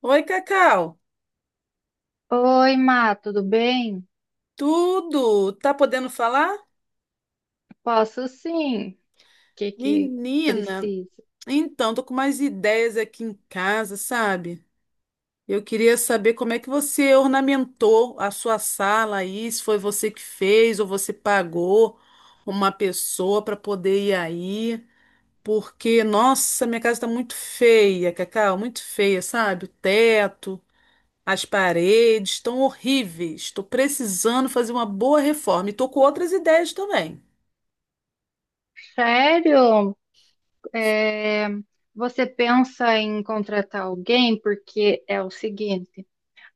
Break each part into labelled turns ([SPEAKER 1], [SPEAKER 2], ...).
[SPEAKER 1] Oi, Cacau.
[SPEAKER 2] Oi, Má, tudo bem?
[SPEAKER 1] Tudo? Tá podendo falar?
[SPEAKER 2] Posso sim. O que
[SPEAKER 1] Menina,
[SPEAKER 2] precisa?
[SPEAKER 1] então, tô com mais ideias aqui em casa, sabe? Eu queria saber como é que você ornamentou a sua sala aí, se foi você que fez ou você pagou uma pessoa para poder ir aí, porque, nossa, minha casa tá muito feia, Cacau, muito feia, sabe? O teto, as paredes estão horríveis. Tô precisando fazer uma boa reforma e tô com outras ideias também.
[SPEAKER 2] Sério? É, você pensa em contratar alguém? Porque é o seguinte,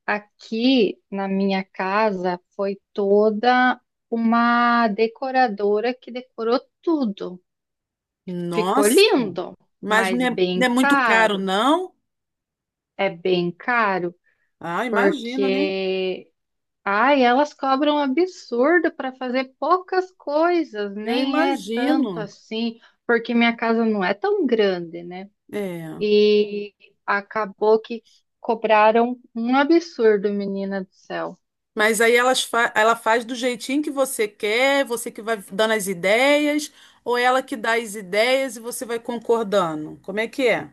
[SPEAKER 2] aqui na minha casa foi toda uma decoradora que decorou tudo. Ficou
[SPEAKER 1] Nossa,
[SPEAKER 2] lindo,
[SPEAKER 1] mas não
[SPEAKER 2] mas
[SPEAKER 1] é,
[SPEAKER 2] bem
[SPEAKER 1] não é muito caro,
[SPEAKER 2] caro.
[SPEAKER 1] não?
[SPEAKER 2] É bem caro
[SPEAKER 1] Ah, imagino, né?
[SPEAKER 2] porque Ai, elas cobram absurdo para fazer poucas coisas,
[SPEAKER 1] Eu
[SPEAKER 2] nem é tanto
[SPEAKER 1] imagino.
[SPEAKER 2] assim, porque minha casa não é tão grande, né?
[SPEAKER 1] É.
[SPEAKER 2] E acabou que cobraram um absurdo, menina do céu.
[SPEAKER 1] Mas aí ela faz do jeitinho que você quer, você que vai dando as ideias, ou ela que dá as ideias e você vai concordando? Como é que é?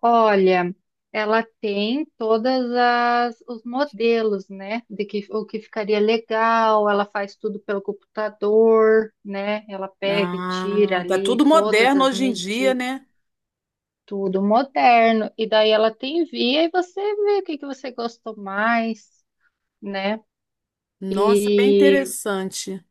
[SPEAKER 2] Olha, ela tem todas as os modelos, né? De que o que ficaria legal, ela faz tudo pelo computador, né? Ela pega e tira
[SPEAKER 1] Ah, tá tudo
[SPEAKER 2] ali todas
[SPEAKER 1] moderno
[SPEAKER 2] as
[SPEAKER 1] hoje em dia,
[SPEAKER 2] medidas,
[SPEAKER 1] né?
[SPEAKER 2] tudo moderno. E daí ela te envia e você vê o que você gostou mais, né?
[SPEAKER 1] Nossa, bem
[SPEAKER 2] E
[SPEAKER 1] interessante.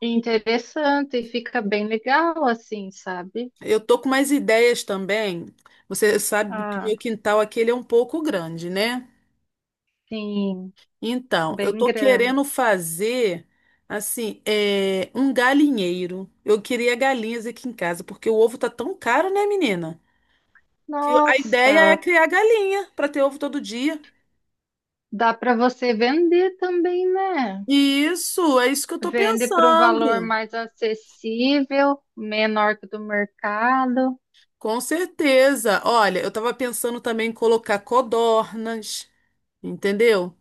[SPEAKER 2] é interessante, e fica bem legal assim, sabe?
[SPEAKER 1] Eu tô com umas ideias também. Você sabe que
[SPEAKER 2] Ah,
[SPEAKER 1] meu quintal aqui ele é um pouco grande, né?
[SPEAKER 2] sim,
[SPEAKER 1] Então, eu
[SPEAKER 2] bem
[SPEAKER 1] tô
[SPEAKER 2] grande.
[SPEAKER 1] querendo fazer assim, é, um galinheiro. Eu queria galinhas aqui em casa, porque o ovo tá tão caro, né, menina? Que a ideia é
[SPEAKER 2] Nossa,
[SPEAKER 1] criar galinha para ter ovo todo dia.
[SPEAKER 2] dá para você vender também, né?
[SPEAKER 1] Isso, é isso que eu tô
[SPEAKER 2] Vende por um
[SPEAKER 1] pensando.
[SPEAKER 2] valor mais acessível, menor que o do mercado.
[SPEAKER 1] Com certeza. Olha, eu tava pensando também em colocar codornas, entendeu?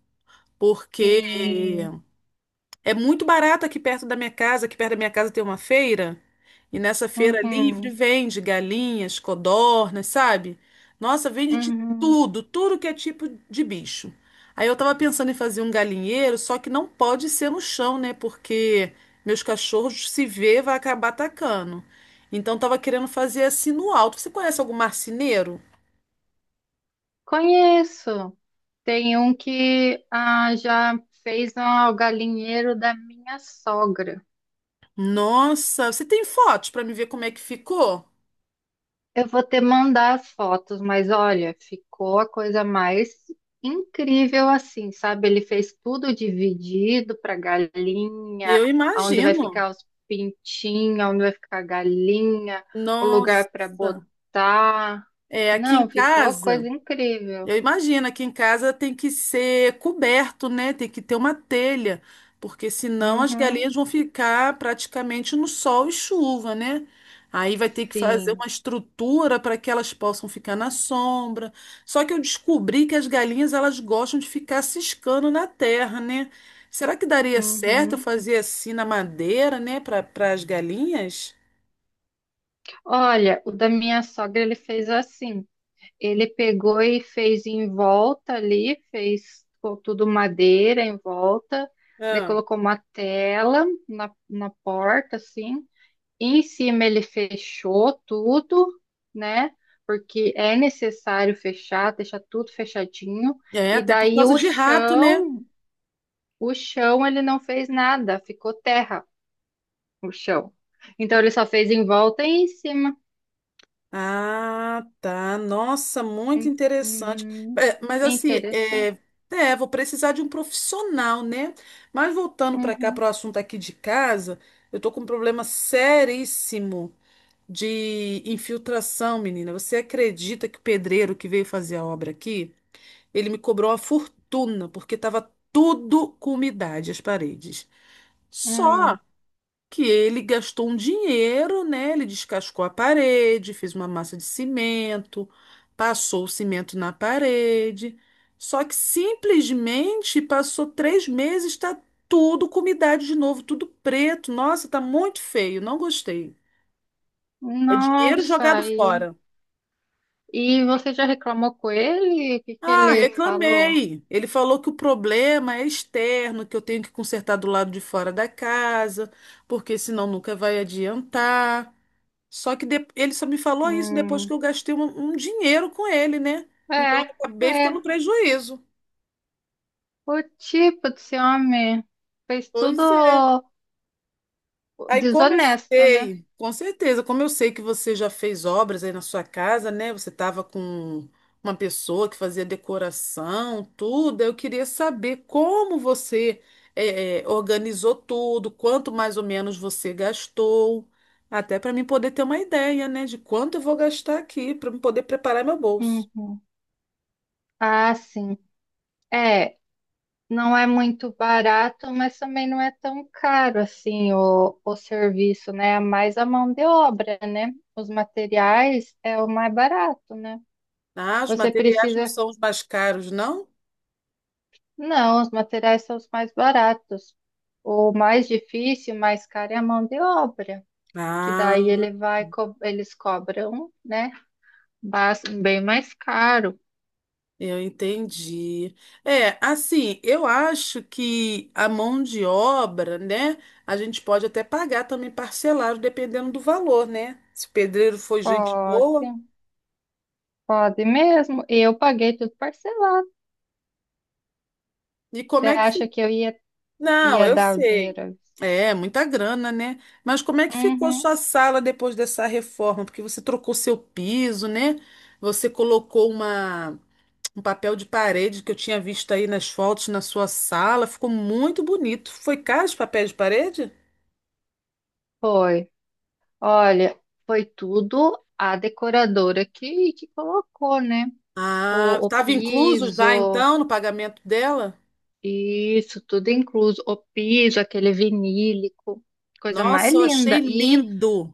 [SPEAKER 1] Porque
[SPEAKER 2] Sim.
[SPEAKER 1] é muito barato aqui perto da minha casa. Aqui perto da minha casa tem uma feira. E nessa feira livre
[SPEAKER 2] Uhum,
[SPEAKER 1] vende galinhas, codornas, sabe? Nossa, vende de
[SPEAKER 2] uhum.
[SPEAKER 1] tudo, tudo que é tipo de bicho. Aí eu tava pensando em fazer um galinheiro, só que não pode ser no chão, né? Porque meus cachorros se vê, vai acabar atacando. Então tava querendo fazer assim no alto. Você conhece algum marceneiro?
[SPEAKER 2] Conheço. Tem um que já fez um galinheiro da minha sogra.
[SPEAKER 1] Nossa, você tem fotos pra me ver como é que ficou?
[SPEAKER 2] Eu vou te mandar as fotos, mas olha, ficou a coisa mais incrível assim, sabe? Ele fez tudo dividido para galinha,
[SPEAKER 1] Eu
[SPEAKER 2] aonde vai
[SPEAKER 1] imagino.
[SPEAKER 2] ficar os pintinhos, aonde vai ficar a galinha, o lugar para
[SPEAKER 1] Nossa.
[SPEAKER 2] botar.
[SPEAKER 1] É, aqui em
[SPEAKER 2] Não, ficou a
[SPEAKER 1] casa,
[SPEAKER 2] coisa incrível.
[SPEAKER 1] eu imagino, aqui em casa tem que ser coberto, né? Tem que ter uma telha, porque senão as
[SPEAKER 2] Uhum,
[SPEAKER 1] galinhas vão ficar praticamente no sol e chuva, né? Aí vai ter que fazer
[SPEAKER 2] sim.
[SPEAKER 1] uma estrutura para que elas possam ficar na sombra. Só que eu descobri que as galinhas elas gostam de ficar ciscando na terra, né? Será que daria certo eu
[SPEAKER 2] Uhum.
[SPEAKER 1] fazer assim na madeira, né, para as galinhas?
[SPEAKER 2] Olha, o da minha sogra ele fez assim. Ele pegou e fez em volta ali, tudo madeira em volta, daí
[SPEAKER 1] Ah.
[SPEAKER 2] colocou uma tela na porta, assim. Em cima ele fechou tudo, né? Porque é necessário fechar, deixar tudo fechadinho.
[SPEAKER 1] É,
[SPEAKER 2] E
[SPEAKER 1] até por
[SPEAKER 2] daí
[SPEAKER 1] causa de rato, né?
[SPEAKER 2] o chão ele não fez nada, ficou terra o chão. Então ele só fez em volta e em cima.
[SPEAKER 1] Ah, tá. Nossa, muito
[SPEAKER 2] Hum.
[SPEAKER 1] interessante.
[SPEAKER 2] Uhum.
[SPEAKER 1] É, mas assim,
[SPEAKER 2] Interessante.
[SPEAKER 1] vou precisar de um profissional, né? Mas voltando para cá,
[SPEAKER 2] Uhum.
[SPEAKER 1] para o assunto aqui de casa, eu tô com um problema seríssimo de infiltração, menina. Você acredita que o pedreiro que veio fazer a obra aqui, ele me cobrou uma fortuna, porque estava tudo com umidade as paredes. Só
[SPEAKER 2] Hum.
[SPEAKER 1] que ele gastou um dinheiro, né? Ele descascou a parede, fez uma massa de cimento, passou o cimento na parede. Só que simplesmente passou 3 meses, tá tudo com umidade de novo, tudo preto. Nossa, tá muito feio, não gostei. É dinheiro jogado
[SPEAKER 2] Nossa,
[SPEAKER 1] fora.
[SPEAKER 2] e você já reclamou com ele? O que que
[SPEAKER 1] Ah,
[SPEAKER 2] ele falou?
[SPEAKER 1] reclamei. Ele falou que o problema é externo, que eu tenho que consertar do lado de fora da casa, porque senão nunca vai adiantar. Só que ele só me falou isso depois
[SPEAKER 2] Hum,
[SPEAKER 1] que eu gastei um dinheiro com ele, né? Então
[SPEAKER 2] é,
[SPEAKER 1] eu acabei ficando
[SPEAKER 2] é.
[SPEAKER 1] no prejuízo.
[SPEAKER 2] O tipo desse homem fez tudo
[SPEAKER 1] Pois é. Aí
[SPEAKER 2] desonesto, né?
[SPEAKER 1] com certeza, como eu sei que você já fez obras aí na sua casa, né? Você estava com uma pessoa que fazia decoração, tudo. Eu queria saber como você organizou tudo, quanto mais ou menos você gastou, até para mim poder ter uma ideia, né? De quanto eu vou gastar aqui, para eu poder preparar meu bolso.
[SPEAKER 2] Uhum. Ah, sim. É, não é muito barato, mas também não é tão caro assim o serviço, né? É mais a mão de obra, né? Os materiais é o mais barato, né?
[SPEAKER 1] Ah, os
[SPEAKER 2] Você
[SPEAKER 1] materiais não
[SPEAKER 2] precisa
[SPEAKER 1] são os mais caros, não?
[SPEAKER 2] Não, os materiais são os mais baratos. O mais difícil, mais caro é a mão de obra, que daí ele
[SPEAKER 1] Ah,
[SPEAKER 2] vai, eles cobram, né? Bem mais caro.
[SPEAKER 1] eu entendi. É, assim, eu acho que a mão de obra, né? A gente pode até pagar também parcelado, dependendo do valor, né? Se o pedreiro for gente
[SPEAKER 2] Pode,
[SPEAKER 1] boa.
[SPEAKER 2] pode mesmo. E eu paguei tudo parcelado.
[SPEAKER 1] E
[SPEAKER 2] Você
[SPEAKER 1] como é que
[SPEAKER 2] acha
[SPEAKER 1] fica?
[SPEAKER 2] que
[SPEAKER 1] Não,
[SPEAKER 2] ia
[SPEAKER 1] eu
[SPEAKER 2] dar o
[SPEAKER 1] sei.
[SPEAKER 2] dinheiro?
[SPEAKER 1] É, muita grana, né? Mas como é que ficou a
[SPEAKER 2] Uhum,
[SPEAKER 1] sua sala depois dessa reforma? Porque você trocou seu piso, né? Você colocou uma. Um papel de parede que eu tinha visto aí nas fotos na sua sala. Ficou muito bonito. Foi caro esse papel de parede?
[SPEAKER 2] foi. Olha, foi tudo a decoradora que colocou, né?
[SPEAKER 1] Ah,
[SPEAKER 2] O
[SPEAKER 1] estava incluso já
[SPEAKER 2] piso.
[SPEAKER 1] então no pagamento dela?
[SPEAKER 2] Isso, tudo incluso. O piso, aquele vinílico, coisa mais
[SPEAKER 1] Nossa, eu achei
[SPEAKER 2] linda. E
[SPEAKER 1] lindo.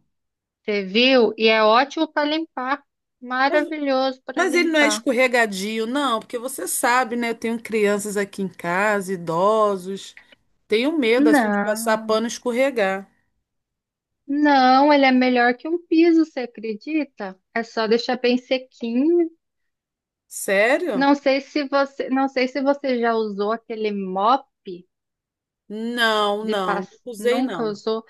[SPEAKER 2] você viu? E é ótimo para limpar. Maravilhoso para
[SPEAKER 1] Mas ele não é
[SPEAKER 2] limpar.
[SPEAKER 1] escorregadio, não, porque você sabe, né? Eu tenho crianças aqui em casa, idosos. Tenho medo, assim, de passar
[SPEAKER 2] Não,
[SPEAKER 1] pano e escorregar.
[SPEAKER 2] não, ele é melhor que um piso, você acredita? É só deixar bem sequinho.
[SPEAKER 1] Sério?
[SPEAKER 2] Não sei se você já usou aquele mop
[SPEAKER 1] Não,
[SPEAKER 2] de
[SPEAKER 1] não. Não
[SPEAKER 2] pass...
[SPEAKER 1] usei,
[SPEAKER 2] Nunca
[SPEAKER 1] não.
[SPEAKER 2] usou?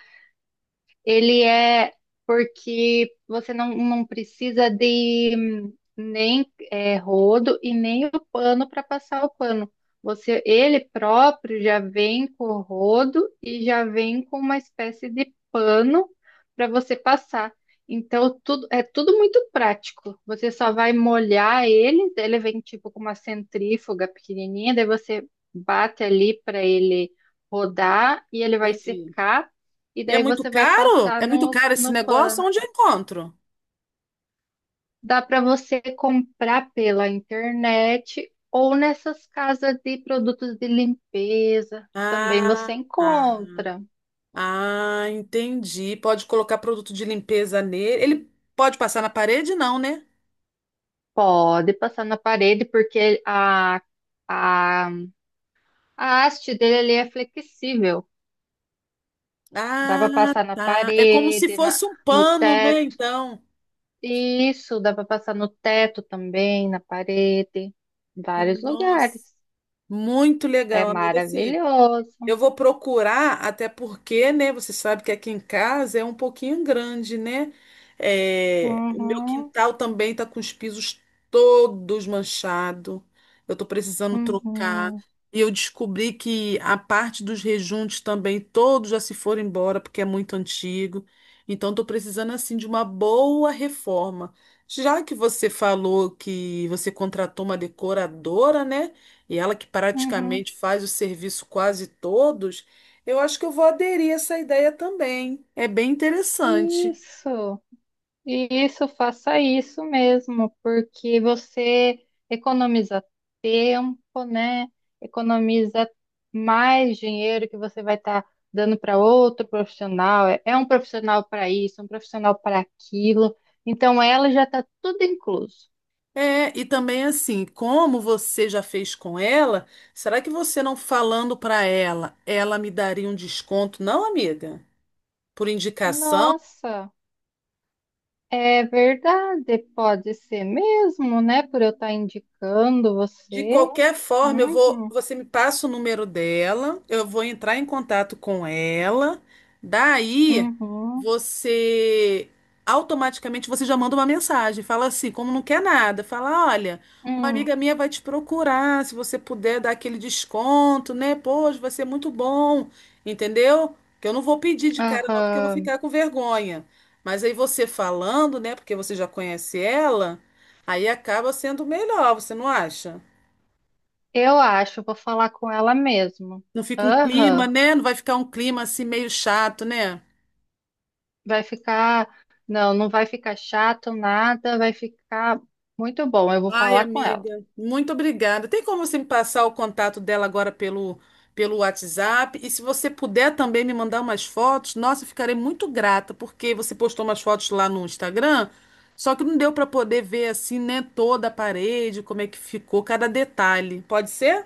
[SPEAKER 2] Ele é Porque você não precisa de nem é, rodo e nem o pano para passar o pano. Você, ele próprio já vem com o rodo e já vem com uma espécie de pano para você passar. Então, tudo, é tudo muito prático. Você só vai molhar ele, daí ele vem tipo com uma centrífuga pequenininha, daí você bate ali para ele rodar e ele vai
[SPEAKER 1] Entendi.
[SPEAKER 2] secar e
[SPEAKER 1] E é
[SPEAKER 2] daí
[SPEAKER 1] muito
[SPEAKER 2] você vai
[SPEAKER 1] caro?
[SPEAKER 2] passar
[SPEAKER 1] É muito caro esse
[SPEAKER 2] no
[SPEAKER 1] negócio?
[SPEAKER 2] PAN.
[SPEAKER 1] Onde eu encontro?
[SPEAKER 2] Dá para você comprar pela internet ou nessas casas de produtos de limpeza. Também
[SPEAKER 1] Ah,
[SPEAKER 2] você
[SPEAKER 1] tá.
[SPEAKER 2] encontra.
[SPEAKER 1] Ah, entendi. Pode colocar produto de limpeza nele. Ele pode passar na parede, não, né?
[SPEAKER 2] Pode passar na parede, porque a, a haste dele ali é flexível. Dá
[SPEAKER 1] Ah,
[SPEAKER 2] para passar na
[SPEAKER 1] tá. É como se
[SPEAKER 2] parede,
[SPEAKER 1] fosse um
[SPEAKER 2] no
[SPEAKER 1] pano, né?
[SPEAKER 2] teto.
[SPEAKER 1] Então,
[SPEAKER 2] Isso, dá para passar no teto também, na parede. Em vários
[SPEAKER 1] nossa,
[SPEAKER 2] lugares.
[SPEAKER 1] muito
[SPEAKER 2] É
[SPEAKER 1] legal, amiga. Assim,
[SPEAKER 2] maravilhoso.
[SPEAKER 1] eu vou procurar, até porque, né? Você sabe que aqui em casa é um pouquinho grande, né? É, o meu
[SPEAKER 2] Uhum.
[SPEAKER 1] quintal também tá com os pisos todos manchados. Eu tô precisando trocar.
[SPEAKER 2] Uhum,
[SPEAKER 1] E eu descobri que a parte dos rejuntos também, todos já se foram embora, porque é muito antigo. Então, tô precisando, assim, de uma boa reforma. Já que você falou que você contratou uma decoradora, né? e ela que
[SPEAKER 2] uhum.
[SPEAKER 1] praticamente faz o serviço quase todos, eu acho que eu vou aderir a essa ideia também. É bem interessante.
[SPEAKER 2] Isso, isso, faça isso mesmo, porque você economiza tempo, né? Economiza mais dinheiro que você vai estar dando para outro profissional. É um profissional para isso, um profissional para aquilo. Então, ela já está tudo incluso.
[SPEAKER 1] É, e também assim, como você já fez com ela, será que você não falando para ela, ela me daria um desconto, não, amiga? Por indicação?
[SPEAKER 2] Nossa, é verdade, pode ser mesmo, né? Por eu estar indicando
[SPEAKER 1] De
[SPEAKER 2] você.
[SPEAKER 1] qualquer forma, eu vou,
[SPEAKER 2] Uhum,
[SPEAKER 1] você me passa o número dela, eu vou entrar em contato com ela. Daí,
[SPEAKER 2] uhum.
[SPEAKER 1] você automaticamente você já manda uma mensagem, fala assim, como não quer nada, fala, olha, uma
[SPEAKER 2] Hum,
[SPEAKER 1] amiga minha vai te procurar, se você puder dar aquele desconto, né? Poxa, vai ser muito bom, entendeu? Que eu não vou pedir de cara não, porque eu vou
[SPEAKER 2] aham.
[SPEAKER 1] ficar com vergonha. Mas aí você falando, né, porque você já conhece ela, aí acaba sendo melhor, você não acha?
[SPEAKER 2] Eu acho, vou falar com ela mesmo.
[SPEAKER 1] Não fica um clima,
[SPEAKER 2] Aham.
[SPEAKER 1] né? Não vai ficar um clima assim meio chato, né?
[SPEAKER 2] Vai ficar. Não, não vai ficar chato, nada, vai ficar muito bom. Eu vou
[SPEAKER 1] Ai,
[SPEAKER 2] falar com ela.
[SPEAKER 1] amiga, muito obrigada. Tem como você me passar o contato dela agora pelo WhatsApp? E se você puder também me mandar umas fotos, nossa, eu ficarei muito grata, porque você postou umas fotos lá no Instagram, só que não deu para poder ver assim, né, toda a parede, como é que ficou cada detalhe. Pode ser?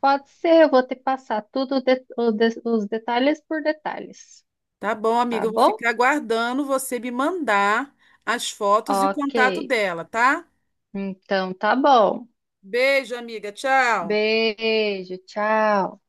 [SPEAKER 2] Pode ser, eu vou te passar tudo de- o de- os detalhes por detalhes.
[SPEAKER 1] Tá bom, amiga,
[SPEAKER 2] Tá
[SPEAKER 1] eu vou
[SPEAKER 2] bom?
[SPEAKER 1] ficar aguardando você me mandar as fotos e o
[SPEAKER 2] Ok.
[SPEAKER 1] contato dela, tá?
[SPEAKER 2] Então tá bom.
[SPEAKER 1] Beijo, amiga. Tchau.
[SPEAKER 2] Beijo, tchau.